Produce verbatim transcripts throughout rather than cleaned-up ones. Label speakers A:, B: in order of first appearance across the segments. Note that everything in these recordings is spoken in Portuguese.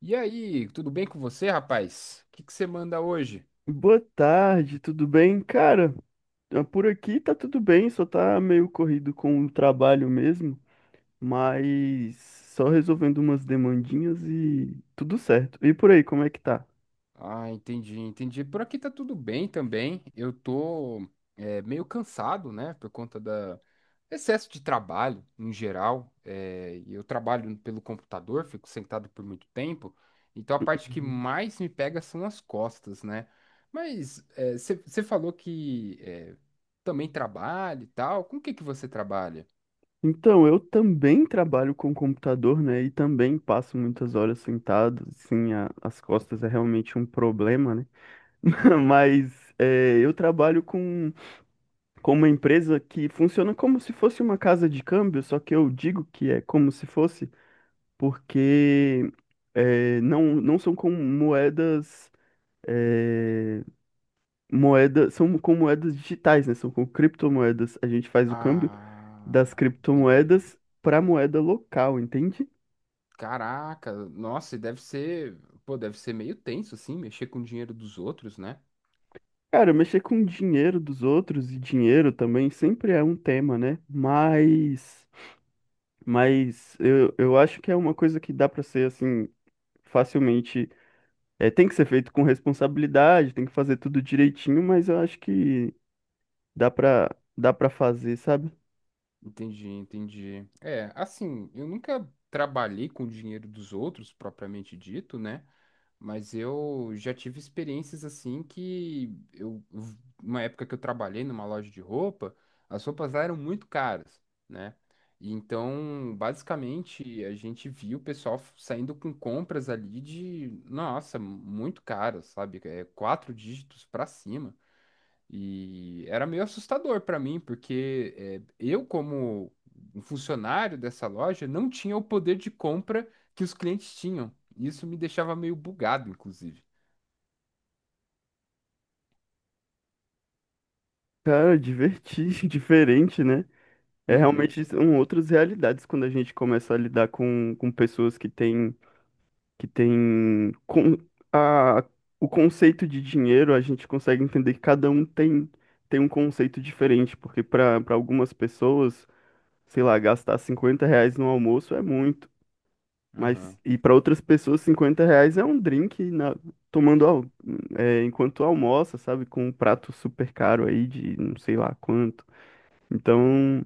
A: E aí, tudo bem com você, rapaz? O que que você manda hoje?
B: Boa tarde, tudo bem? Cara, ah, por aqui tá tudo bem, só tá meio corrido com o trabalho mesmo, mas só resolvendo umas demandinhas e tudo certo. E por aí, como é que tá?
A: Ah, entendi, entendi. Por aqui tá tudo bem também. Eu tô é, meio cansado, né, por conta da excesso de trabalho em geral. É, e eu trabalho pelo computador, fico sentado por muito tempo. Então a parte que
B: Uhum.
A: mais me pega são as costas, né? Mas é, você falou que é, também trabalha e tal. Com o que que você trabalha?
B: Então, eu também trabalho com computador, né? E também passo muitas horas sentado, sim, a- as costas é realmente um problema, né?
A: Uhum.
B: Mas é, eu trabalho com, com uma empresa que funciona como se fosse uma casa de câmbio, só que eu digo que é como se fosse. Porque eh, não, não são com moedas. eh, moeda, São com moedas digitais, né? São com criptomoedas. A gente faz o câmbio das
A: Ah, entendi.
B: criptomoedas para moeda local, entende?
A: Caraca, nossa, e deve ser, pô, deve ser meio tenso assim, mexer com o dinheiro dos outros, né?
B: Cara, mexer com dinheiro dos outros e dinheiro também sempre é um tema, né? Mas, mas eu, eu acho que é uma coisa que dá para ser assim facilmente. É, tem que ser feito com responsabilidade, tem que fazer tudo direitinho, mas eu acho que Dá pra, dá pra fazer, sabe?
A: Entendi, entendi. É, assim, eu nunca trabalhei com o dinheiro dos outros, propriamente dito, né? Mas eu já tive experiências assim que eu, uma época que eu trabalhei numa loja de roupa, as roupas lá eram muito caras, né? E Então, basicamente, a gente viu o pessoal f- saindo com compras ali de, nossa, muito caras, sabe? É, quatro dígitos pra cima. E era meio assustador para mim, porque eh, eu, como um funcionário dessa loja, não tinha o poder de compra que os clientes tinham. Isso me deixava meio bugado, inclusive.
B: Cara, divertir, diferente, né? É
A: Uhum,
B: realmente são outras realidades quando a gente começa a lidar com, com pessoas que têm que têm com, a, o conceito de dinheiro, a gente consegue entender que cada um tem, tem um conceito diferente, porque para para algumas pessoas, sei lá, gastar cinquenta reais no almoço é muito. Mas,
A: aham,
B: e para outras pessoas, cinquenta reais é um drink na- tomando al- é, enquanto almoça, sabe? Com um prato super caro aí de não sei lá quanto.
A: é,
B: Então,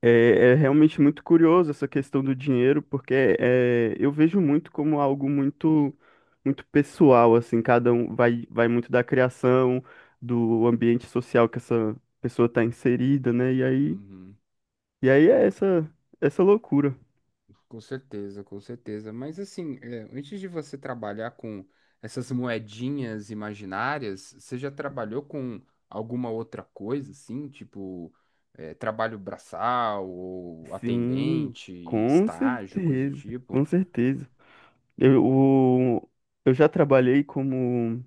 B: é, é realmente muito curioso essa questão do dinheiro, porque é, eu vejo muito como algo muito, muito pessoal, assim, cada um vai, vai muito da criação, do ambiente social que essa pessoa está inserida, né? E aí,
A: uhum.
B: e aí é essa, essa loucura.
A: Com certeza, com certeza. Mas assim, é, antes de você trabalhar com essas moedinhas imaginárias, você já trabalhou com alguma outra coisa, assim, tipo é, trabalho braçal ou
B: Sim,
A: atendente,
B: com
A: estágio, coisa do
B: certeza,
A: tipo?
B: com certeza. Eu, o- eu já trabalhei como,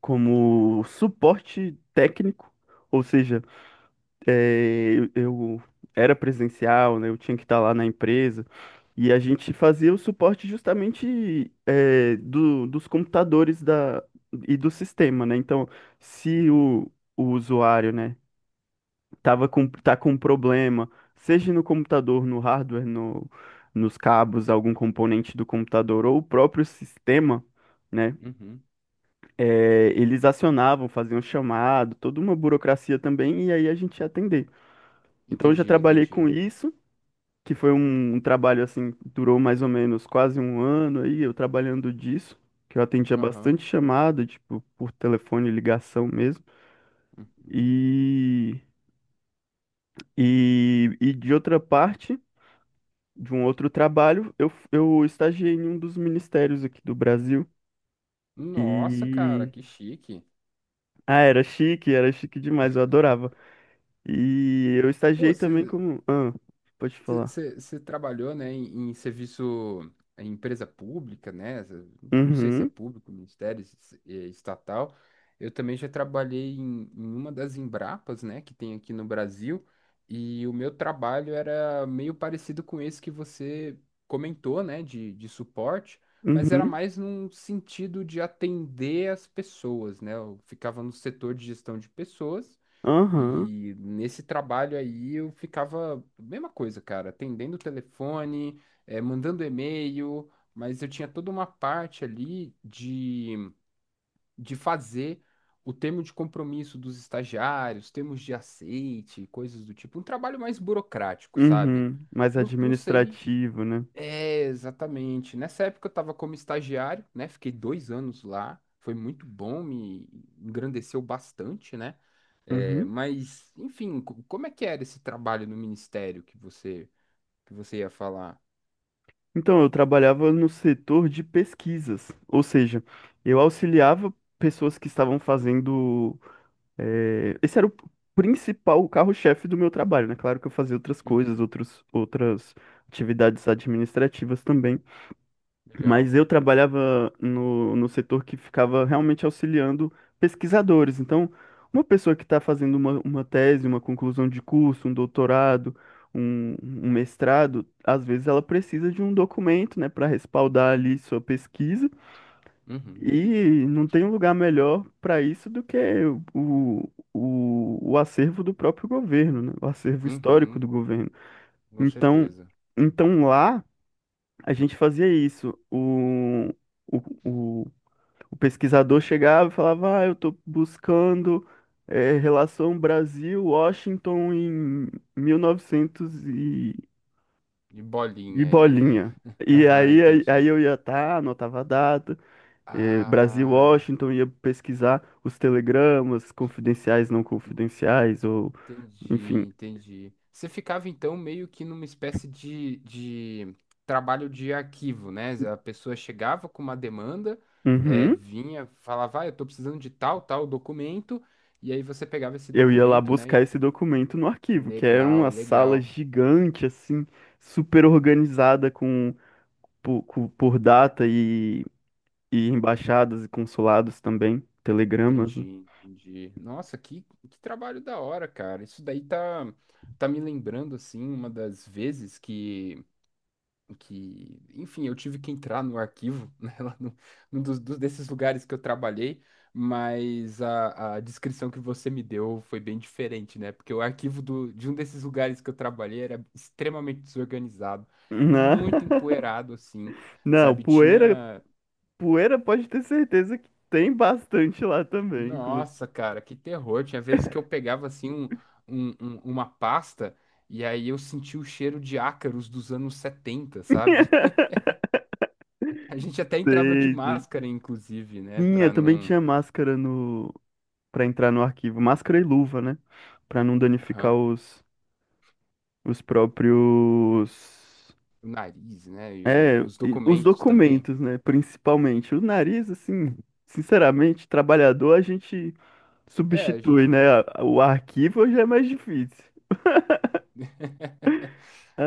B: como suporte técnico, ou seja, é eu, eu era presencial, né, eu tinha que estar lá na empresa, e a gente fazia o suporte justamente é do- dos computadores da, e do sistema, né? Então, se
A: Uhum.
B: o, o usuário, né, tava com, tá com um problema, seja no computador, no hardware, no, nos cabos, algum componente do computador ou o próprio sistema, né?
A: Uhum.
B: é, eles acionavam, faziam chamado, toda uma burocracia também, e aí a gente ia atender. Então eu já
A: Entendi,
B: trabalhei
A: entendi.
B: com isso, que foi um, um trabalho assim, durou mais ou menos quase um ano aí, eu trabalhando disso, que eu atendia
A: Aham.
B: bastante chamada, tipo, por telefone, ligação mesmo.
A: Uhum.
B: E, e, e de outra parte. De um outro trabalho, eu, eu estagiei em um dos ministérios aqui do Brasil
A: Nossa, cara,
B: e
A: que chique.
B: ah, era chique, era chique demais, eu adorava. E eu
A: Pô,
B: estagiei também
A: você
B: como, ah, pode falar.
A: Você trabalhou, né, em, em serviço, em empresa pública, né? cê- Não sei se é
B: Uhum,
A: público, ministério, se- se- eh, estatal. Eu também já trabalhei em, em uma das Embrapas, né, que tem aqui no Brasil, e o meu trabalho era meio parecido com esse que você comentou, né, de, de suporte, mas era
B: uhum,
A: mais num sentido de atender as pessoas, né? Eu ficava no setor de gestão de pessoas.
B: aham,
A: E nesse trabalho aí eu ficava, mesma coisa, cara, atendendo o telefone, eh, mandando e-mail, mas eu tinha toda uma parte ali de, de fazer o termo de compromisso dos estagiários, termos de aceite, coisas do tipo. Um trabalho mais burocrático, sabe?
B: uhum, mais
A: Não, não sei,
B: administrativo, né?
A: é, exatamente. Nessa época eu estava como estagiário, né? Fiquei dois anos lá, foi muito bom, me engrandeceu bastante, né? É,
B: Uhum.
A: mas, enfim, co- como é que era esse trabalho no ministério que você que você ia falar?
B: Então, eu trabalhava no setor de pesquisas, ou seja, eu auxiliava pessoas que estavam fazendo. É, esse era o principal, o carro-chefe do meu trabalho, né? Claro que eu fazia outras coisas,
A: Uhum,
B: outros, outras atividades administrativas também, mas
A: legal.
B: eu trabalhava no, no setor que ficava realmente auxiliando pesquisadores. Então, uma pessoa que está fazendo uma, uma tese, uma conclusão de curso, um doutorado, um, um
A: Uhum,
B: e não tem um lugar melhor para isso do que o, o, o acervo do próprio governo, né? O acervo histórico
A: uhum,
B: do governo.
A: com
B: Então,
A: certeza.
B: então lá a gente fazia isso. O, o, o, o pesquisador chegava e falava: Ah, eu estou buscando eh, relação Brasil-Washington em mil e novecentos e, novecentos e
A: De
B: e
A: bolinha aí, né?
B: bolinha. E
A: Aham,
B: aí, aí, aí
A: entendi.
B: eu ia estar, anotava a data, eh, Brasil,
A: Ah,
B: Washington, ia pesquisar os telegramas confidenciais, não confidenciais, ou
A: entendi,
B: enfim.
A: entendi. Você ficava então meio que numa espécie de, de trabalho de arquivo, né? A pessoa chegava com uma demanda, eh,
B: Uhum.
A: vinha, falava, ah, eu tô precisando de tal, tal documento, e aí você pegava esse
B: Eu ia lá
A: documento, né?
B: buscar esse documento no arquivo, que era
A: Legal,
B: uma sala
A: legal.
B: gigante, assim, super organizada com, por, com- por data e, e embaixadas e consulados também, telegramas, né?
A: Entendi, entendi. Nossa, que, que trabalho da hora, cara. Isso daí tá, tá me lembrando, assim, uma das vezes que, que, enfim, eu tive que entrar no arquivo, né, lá no, num dos, dos- desses lugares que eu trabalhei, mas a, a descrição que você me deu foi bem diferente, né? Porque o arquivo do, de um desses lugares que eu trabalhei era extremamente desorganizado,
B: Não,
A: muito empoeirado, assim,
B: não,
A: sabe?
B: poeira,
A: Tinha.
B: poeira pode ter certeza que tem bastante lá também, inclusive.
A: Nossa, cara, que terror. Tinha vezes que eu pegava assim um, um- um- uma pasta e aí eu sentia o cheiro de ácaros dos anos setenta sabe? A gente até entrava de
B: Sei, sei.
A: máscara, inclusive, né?
B: Tinha,
A: Pra
B: também
A: não.
B: tinha máscara no, para entrar no arquivo, máscara e luva, né? Para não danificar
A: Aham.
B: os, os próprios.
A: O nariz, né? E o-
B: É,
A: os
B: e os
A: documentos também.
B: documentos, né? Principalmente. O nariz, assim, sinceramente, trabalhador, a gente
A: É, a
B: substitui,
A: gente.
B: né? A- O arquivo já é mais difícil.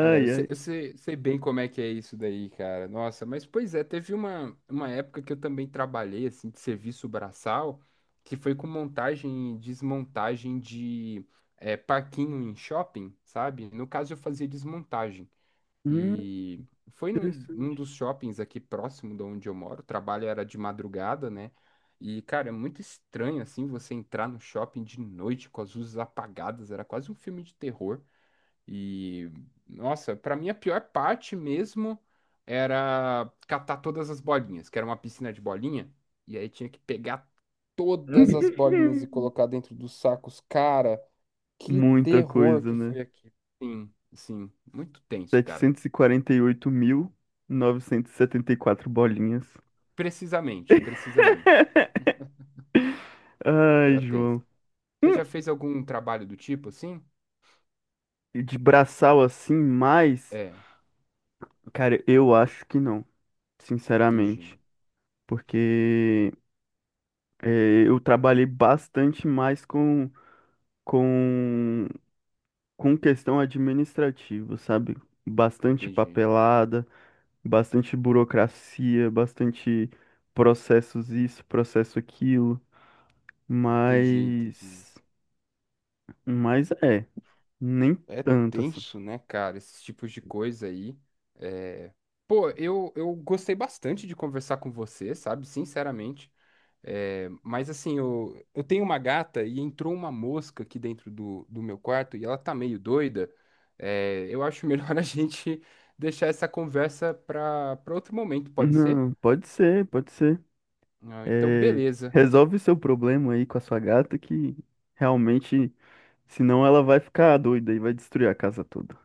A: É, eu sei,
B: ai.
A: eu sei, sei bem como é que é isso daí, cara. Nossa, mas pois é, teve uma, uma época que eu também trabalhei, assim, de serviço braçal, que foi com montagem e desmontagem de é, parquinho em shopping, sabe? No caso, eu fazia desmontagem.
B: Hum.
A: E foi num, num
B: Interessante.
A: dos shoppings aqui próximo de onde eu moro. O trabalho era de madrugada, né? E, cara, é muito estranho, assim, você entrar no shopping de noite com as luzes apagadas. Era quase um filme de terror. E, nossa, pra mim a pior parte mesmo era catar todas as bolinhas, que era uma piscina de bolinha, e aí tinha que pegar todas as bolinhas e colocar dentro dos sacos. Cara, que
B: Muita
A: terror
B: coisa,
A: que
B: né?
A: foi aqui. Sim, sim, muito tenso, cara.
B: Setecentos e e e e quarenta oito mil novecentos e setenta e quatro bolinhas.
A: Precisamente, precisamente.
B: Ai,
A: Era tenso.
B: João.
A: Você
B: Hum.
A: já fez algum trabalho do tipo assim?
B: E de braçal assim, mas,
A: É,
B: cara, eu acho que não,
A: entendi,
B: sinceramente. Porque eh, eu trabalhei bastante mais com, com, com questão administrativa, sabe? Bastante
A: entendi,
B: papelada, bastante burocracia, bastante processos isso, processo aquilo.
A: entendi, entendi.
B: Mas, mas é, nem
A: É
B: tanto assim.
A: tenso, né, cara? Esses tipos de coisa aí. É, Pô, eu, eu gostei bastante de conversar com você, sabe? Sinceramente. É, mas assim, eu, eu tenho uma gata e entrou uma mosca aqui dentro do, do meu quarto e ela tá meio doida. É, eu acho melhor a gente deixar essa conversa pra, pra outro momento, pode ser?
B: Não, pode ser, pode ser.
A: Ah, então,
B: É,
A: beleza.
B: resolve seu problema aí com a sua gata que realmente, senão ela vai ficar doida e vai destruir a casa toda.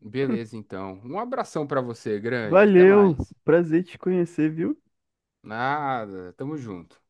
A: Beleza, então. Um abração pra você, grande. Até
B: Valeu,
A: mais.
B: prazer te conhecer, viu?
A: Nada, tamo junto.